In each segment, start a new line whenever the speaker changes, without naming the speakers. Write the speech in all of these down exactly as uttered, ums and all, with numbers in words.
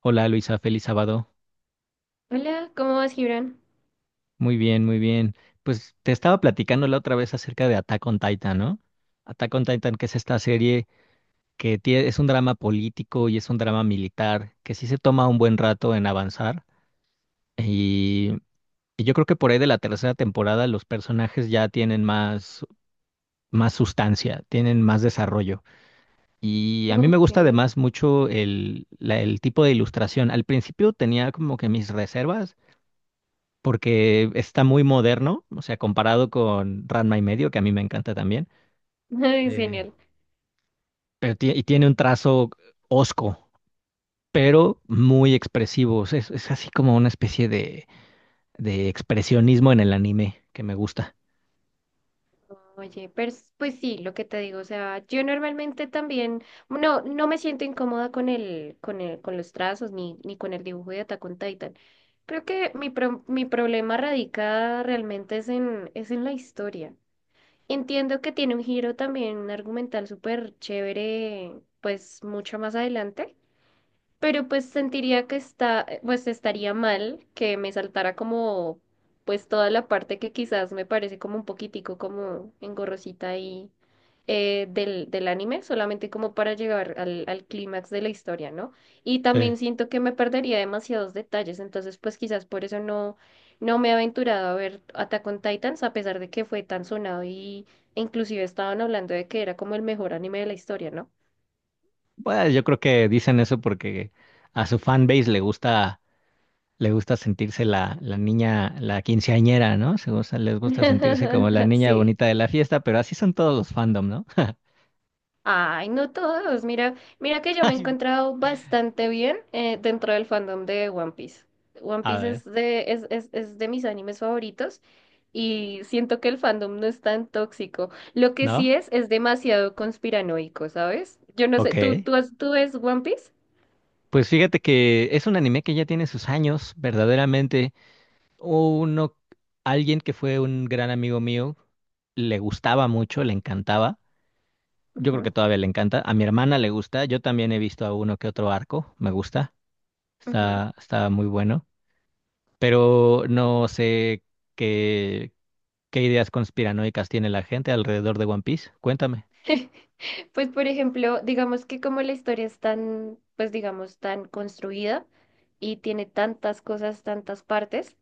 Hola Luisa, feliz sábado.
Hola, ¿cómo vas, Gibran?
Muy bien, muy bien. Pues te estaba platicando la otra vez acerca de Attack on Titan, ¿no? Attack on Titan, que es esta serie que tie- es un drama político y es un drama militar, que sí se toma un buen rato en avanzar. Y, y yo creo que por ahí de la tercera temporada los personajes ya tienen más, más sustancia, tienen más desarrollo. Y a mí me
Ok.
gusta además mucho el, la- el tipo de ilustración. Al principio tenía como que mis reservas porque está muy moderno, o sea, comparado con Ranma y medio, que a mí me encanta también,
Ay,
eh,
genial.
pero tie- y tiene un trazo hosco, pero muy expresivo, o sea, es, es así como una especie de, de expresionismo en el anime que me gusta.
Oye, pers- pues sí, lo que te digo, o sea, yo normalmente también, no, no me siento incómoda con el, con el, con los trazos ni, ni con el dibujo de Attack on Titan. Creo que mi, pro- mi problema radica realmente es en, es en la historia. Entiendo que tiene un giro también argumental súper chévere, pues mucho más adelante. Pero pues sentiría que está, eh, pues estaría mal que me saltara como, pues toda la parte que quizás me parece como un poquitico como engorrosita ahí eh, del, del anime, solamente como para llegar al, al clímax de la historia, ¿no? Y
Sí.
también siento que me perdería demasiados detalles, entonces pues quizás por eso no, no me he aventurado a ver Attack on Titans, a pesar de que fue tan sonado y e inclusive estaban hablando de que era como el mejor anime de la historia, ¿no?
Bueno, yo creo que dicen eso porque a su fanbase le gusta, le gusta sentirse la, la niña, la quinceañera, ¿no? Se gusta- les gusta sentirse como la niña
Sí.
bonita de la fiesta, pero así son todos los fandom, ¿no?
Ay, no todos. Mira, mira que yo me he
Ay,
encontrado bastante bien eh, dentro del fandom de One Piece. One
a
Piece
ver,
es de, es, es, es de mis animes favoritos y siento que el fandom no es tan tóxico. Lo que
¿no?
sí es, es demasiado conspiranoico, ¿sabes? Yo no sé, ¿tú,
Ok.
tú, has- tú ves One Piece?
Pues fíjate que es un anime que ya tiene sus años, verdaderamente. Uno, alguien que fue un gran amigo mío, le gustaba mucho, le encantaba. Yo creo
Ujú,
que todavía le encanta. A mi hermana le gusta. Yo también he visto a uno que otro arco. Me gusta.
ujú.
Está, está muy bueno. Pero no sé qué, qué ideas conspiranoicas tiene la gente alrededor de One Piece. Cuéntame.
Pues, por ejemplo, digamos que como la historia es tan, pues digamos, tan construida y tiene tantas cosas, tantas partes.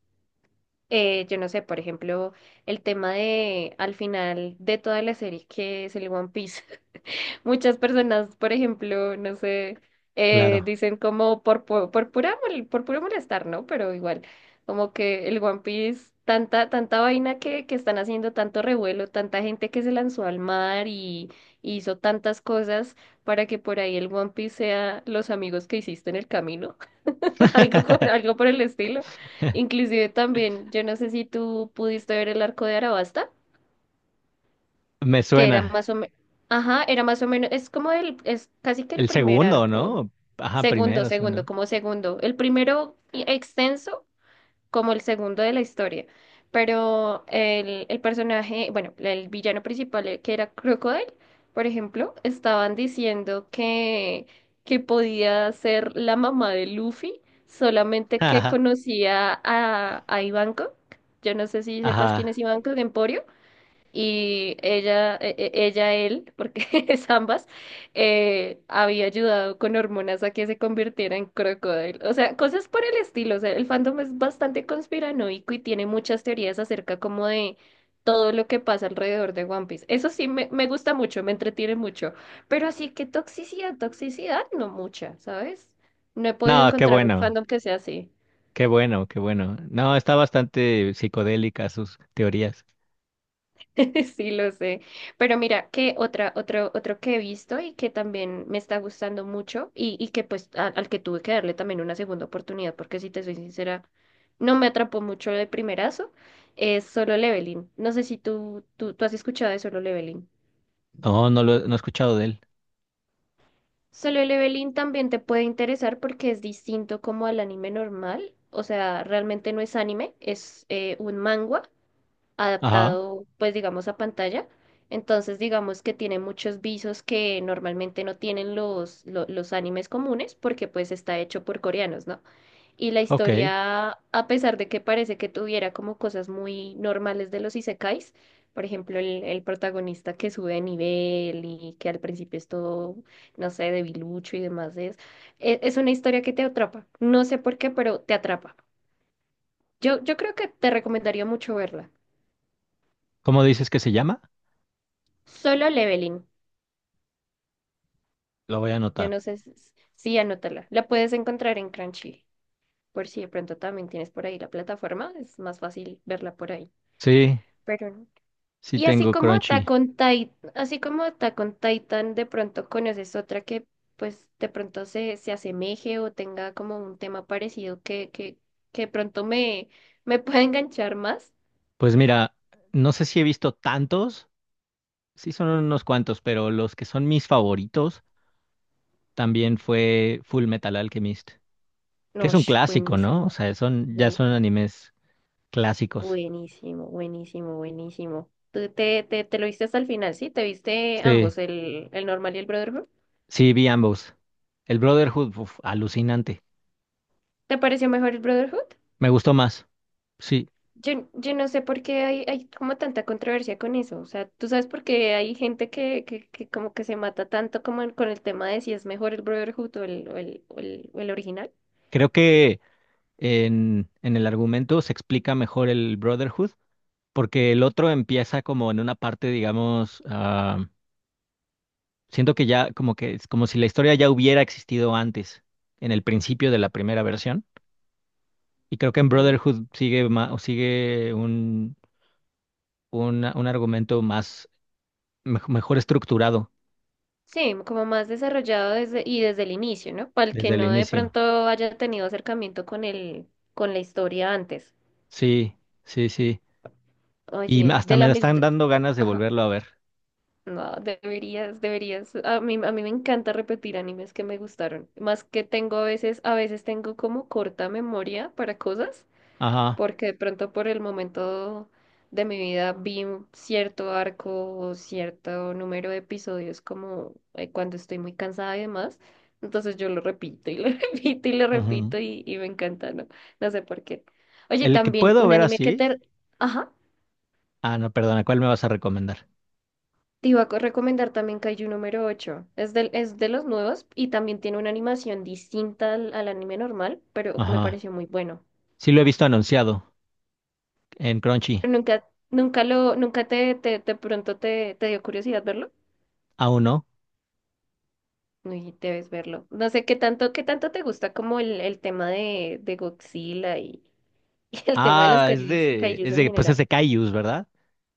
eh, Yo no sé, por ejemplo, el tema de al final de toda la serie que es el One Piece. Muchas personas, por ejemplo, no sé, eh,
Claro.
dicen como por, pu- por, pura, mol- por puro molestar, ¿no? Pero igual, como que el One Piece, tanta, tanta vaina que, que están haciendo, tanto revuelo, tanta gente que se lanzó al mar y, y hizo tantas cosas para que por ahí el One Piece sea los amigos que hiciste en el camino. Algo, con- algo por el estilo. Inclusive también, yo no sé si tú pudiste ver el arco de Arabasta,
Me
que era
suena.
más o menos, ajá, era más o menos, es como el, es casi que el
El
primer
segundo,
arco,
¿no? Ajá,
segundo,
primero,
segundo,
segundo.
como segundo. El primero extenso como el segundo de la historia. Pero el, el personaje, bueno, el villano principal, eh, que era Crocodile, por ejemplo, estaban diciendo que, que podía ser la mamá de Luffy, solamente que
Ajá,
conocía a, a Ivankov. Yo no sé si sepas quién
ajá.
es Ivankov, Emporio y ella, e- e- ella, él, porque es ambas, eh, había ayudado con hormonas a que se convirtiera en crocodile. O sea, cosas por el estilo. O sea, el fandom es bastante conspiranoico y tiene muchas teorías acerca como de todo lo que pasa alrededor de One Piece. Eso sí, me, me gusta mucho, me entretiene mucho. Pero así que toxicidad, toxicidad, no mucha, ¿sabes? No he podido
No, qué
encontrar un
bueno,
fandom que sea así.
qué bueno, qué bueno. No, está bastante psicodélica sus teorías.
Sí, lo sé. Pero mira, que otra, otro, otro que he visto y que también me está gustando mucho y, y que pues a- al que tuve que darle también una segunda oportunidad, porque si te soy sincera, no me atrapó mucho de primerazo, es Solo Leveling. No sé si tú, tú, tú has escuchado de Solo Leveling.
No, no lo no he escuchado de él.
Solo Leveling también te puede interesar porque es distinto como al anime normal. O sea, realmente no es anime, es eh, un manga
Ajá,
adaptado, pues digamos, a pantalla. Entonces, digamos que tiene muchos visos que normalmente no tienen los, lo- los animes comunes porque pues está hecho por coreanos, ¿no? Y la
ok.
historia, a pesar de que parece que tuviera como cosas muy normales de los isekais, por ejemplo, el, el protagonista que sube de nivel y que al principio es todo, no sé, debilucho y demás, es, e- es una historia que te atrapa. No sé por qué, pero te atrapa. Yo, yo creo que te recomendaría mucho verla.
¿Cómo dices que se llama?
Solo Leveling.
Lo voy a
Yo
anotar.
no sé si, sí, anótala. La puedes encontrar en Crunchy, por si de pronto también tienes por ahí la plataforma, es más fácil verla por ahí.
Sí,
Pero no.
sí
Y así
tengo
como
Crunchy.
Attack on Titan, así como Attack on Titan, de pronto conoces otra que pues de pronto se, se asemeje o tenga como un tema parecido que, que, que de pronto me, me pueda enganchar más.
Pues mira, no sé si he visto tantos, sí son unos cuantos, pero los que son mis favoritos también fue Full Metal Alchemist, que
No,
es un
sh,
clásico, ¿no? O
buenísimo.
sea, son, ya son animes clásicos.
Buenísimo, buenísimo, buenísimo. ¿Tú te, te, te lo viste hasta el final, sí? ¿Te viste
Sí,
ambos, el, el normal y el Brotherhood?
sí, vi ambos. El Brotherhood, uf, alucinante.
¿Te pareció mejor el Brotherhood?
Me gustó más. Sí,
Yo, yo no sé por qué hay, hay como tanta controversia con eso. O sea, ¿tú sabes por qué hay gente que, que, que como que se mata tanto como en- con el tema de si es mejor el Brotherhood o el, o el, o el, o el original?
creo que en, en el argumento se explica mejor el Brotherhood, porque el otro empieza como en una parte, digamos, ah, siento que ya como que es como si la historia ya hubiera existido antes, en el principio de la primera versión. Y creo que en
Ok.
Brotherhood sigue ma- o sigue un, una- un argumento más mej- mejor estructurado
Sí, como más desarrollado desde, y desde el inicio, ¿no? Para el que
desde el
no de
inicio.
pronto haya tenido acercamiento con el, con la historia antes.
Sí, sí, sí. Y me-
Oye,
hasta
de
me
la
están
misma...
dando ganas de volverlo a ver.
No, deberías, deberías. A mí, a mí me encanta repetir animes que me gustaron. Más que tengo a veces, a veces tengo como corta memoria para cosas,
Ajá.
porque de pronto por el momento de mi vida vi un cierto arco o cierto número de episodios como eh, cuando estoy muy cansada y demás. Entonces yo lo repito y lo repito y lo
Ujú.
repito y, y me encanta, ¿no? No sé por qué. Oye,
El que
también
puedo
un
ver
anime que
así.
te... Ajá.
Ah, no, perdona, ¿cuál me vas a recomendar?
Te iba a co- recomendar también Kaiju número ocho. Es de es de los nuevos y también tiene una animación distinta al, al anime normal, pero me
Ajá.
pareció muy bueno.
Sí lo he visto anunciado en Crunchy.
Pero nunca, nunca lo, nunca te, te, de pronto te, te dio curiosidad verlo.
Aún no.
Uy, debes verlo. No sé qué tanto, qué tanto te gusta como el, el tema de, de Godzilla y, y el tema de los
Ah, es
kaijus,
de,
kaijus
es
en
de, pues es
general.
de Kaijus, ¿verdad?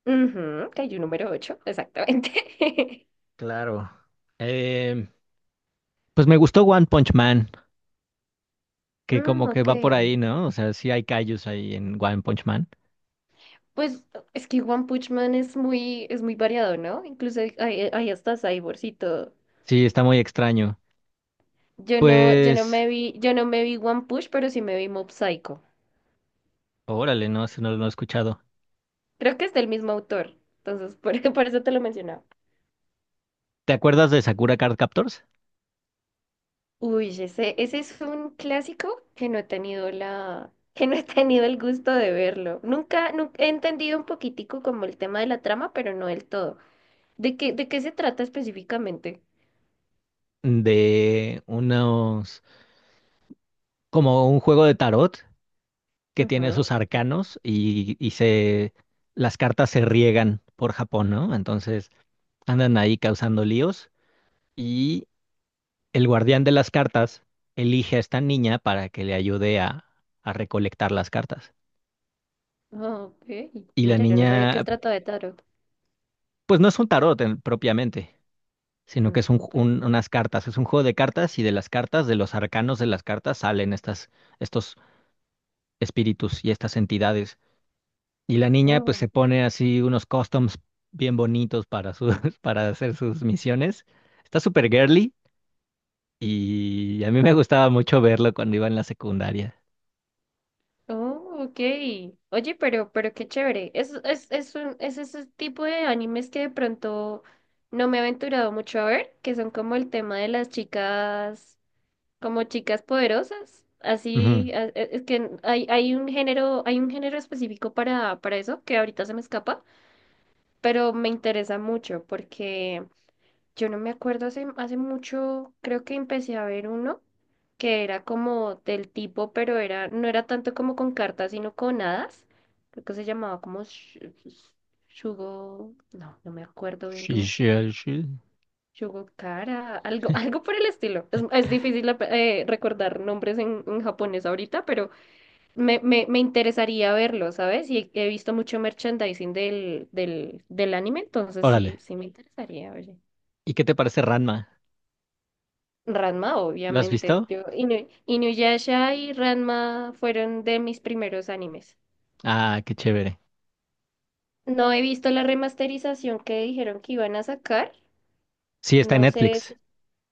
Ujú, Kaiju número ocho. Exactamente.
Claro. Em, pues me gustó One Punch Man, que
Mm,
como que
ok.
va por ahí, ¿no? O sea, sí hay Kaijus ahí en One Punch Man.
Pues es que One Punch Man es muy, es muy variado, ¿no? Incluso hay, hay hay hasta cyborgs y todo.
Sí, está muy extraño.
Yo no, yo no
Pues,
me vi, yo no me vi One Punch, pero sí me vi Mob Psycho.
órale, no, eso no, no lo he escuchado.
Creo que es del mismo autor. Entonces, por, por eso te lo mencionaba.
¿Te acuerdas de Sakura Card Captors?
Uy, ese, ese es un clásico que no he tenido la, que no he tenido el gusto de verlo. Nunca, nunca he entendido un poquitico como el tema de la trama, pero no del todo. ¿De qué, de qué se trata específicamente?
De unos, como un juego de tarot que tiene
Ajá.
esos arcanos y, y se, las cartas se riegan por Japón, ¿no? Entonces andan ahí causando líos. El guardián de las cartas elige a esta niña para que le ayude a, a recolectar las cartas.
Ah, ok.
Y la
Mira, yo no sabía que se
niña,
trataba de tarot.
pues no es un tarot en- propiamente, sino que
Mm,
es un,
okay.
un- unas cartas, es un juego de cartas y de las cartas, de los arcanos de las cartas, salen estas, estos espíritus y estas entidades. Y la niña pues
Oh,
se pone así unos costumes bien bonitos para, sus, para hacer sus misiones. Está súper girly y a mí me gustaba mucho verlo cuando iba en la secundaria.
oh, okay. Oye, pero, pero qué chévere. Es, es, es un, es ese tipo de animes que de pronto no me he aventurado mucho a ver, que son como el tema de las chicas, como chicas poderosas.
Ujú.
Así, a- e- es que hay, hay un género, hay un género específico para, para eso, que ahorita se me escapa, pero me interesa mucho porque yo no me acuerdo, hace, hace mucho creo que empecé a ver uno que era como del tipo, pero era, no era tanto como con cartas, sino con hadas. Creo que se llamaba como Sh- Sh- Shugo, no, no me acuerdo bien
Sí,
cómo.
sí, sí.
Shugo Kara, algo, algo por el estilo. Es, es difícil eh, recordar nombres en, en japonés ahorita, pero me, me, me interesaría verlo, ¿sabes? Y he visto mucho merchandising del, del, del anime, entonces sí,
Órale.
sí me interesaría, oye.
¿Y qué te parece Ranma?
Ranma,
¿Lo has
obviamente.
visto?
Yo, Inu- Inuyasha y Ranma fueron de mis primeros animes.
Ah, qué chévere.
No he visto la remasterización que dijeron que iban a sacar.
Sí, está en
No sé
Netflix.
si...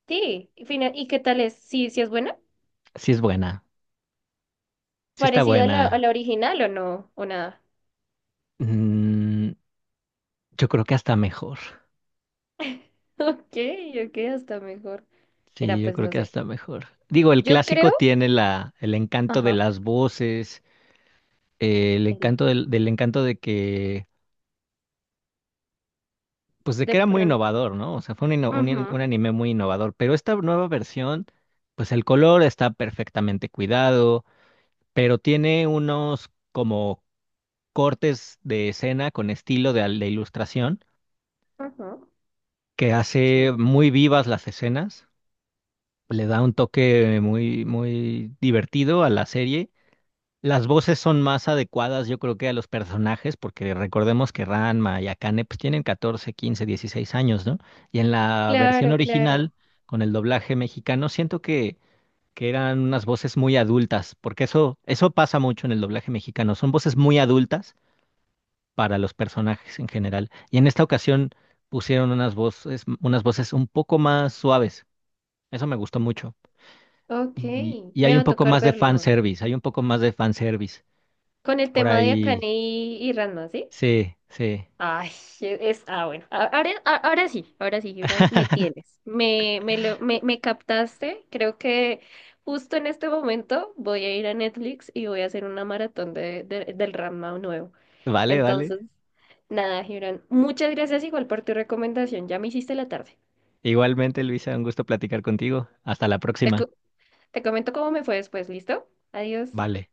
Sí, y fina- ¿y qué tal es? ¿Sí, sí es buena?
Sí es buena. Sí está
¿Parecida a la, a
buena.
la original o no? ¿O nada?
Mm, yo creo que hasta mejor.
Ok, ok, hasta mejor.
Sí,
Mira,
yo
pues
creo
no
que
sé.
hasta mejor. Digo, el
Yo
clásico
creo...
tiene la, el encanto de
Ajá.
las voces, eh, el
El-
encanto del, del encanto de que, pues de
De
que era muy
pronto.
innovador, ¿no? O sea, fue un, inno- un in-
Ujú,
un anime muy innovador. Pero esta nueva versión, pues el color está perfectamente cuidado, pero tiene unos como cortes de escena con estilo de, de ilustración
ujú.
que hace
Sí.
muy vivas las escenas, le da un toque muy, muy divertido a la serie. Las voces son más adecuadas, yo creo que a los personajes, porque recordemos que Ranma y Akane pues, tienen catorce, quince, dieciséis años, ¿no? Y en la versión
Claro,
original,
claro.
con el doblaje mexicano, siento que, que eran unas voces muy adultas, porque eso, eso pasa mucho en el doblaje mexicano, son voces muy adultas para los personajes en general. Y en esta ocasión pusieron unas voces, unas voces un poco más suaves. Eso me gustó mucho.
Ok,
Y, y
me
hay
va
un
a
poco
tocar
más de
verlo.
fanservice, hay un poco más de fanservice.
Con el
Por
tema de
ahí,
Akane y, y Ranma, ¿sí?
sí, sí.
Ay, es... Ah, bueno. A- Ahora, a- ahora sí, ahora sí, Gibran, me tienes. Me, me, lo, me, me captaste. Creo que justo en este momento voy a ir a Netflix y voy a hacer una maratón de, de- del Ranma nuevo.
Vale, vale.
Entonces, nada, Gibran, muchas gracias igual por tu recomendación. Ya me hiciste la tarde.
Igualmente, Luisa, un gusto platicar contigo. Hasta la
Te,
próxima.
co- te comento cómo me fue después, ¿listo? Adiós.
Vale.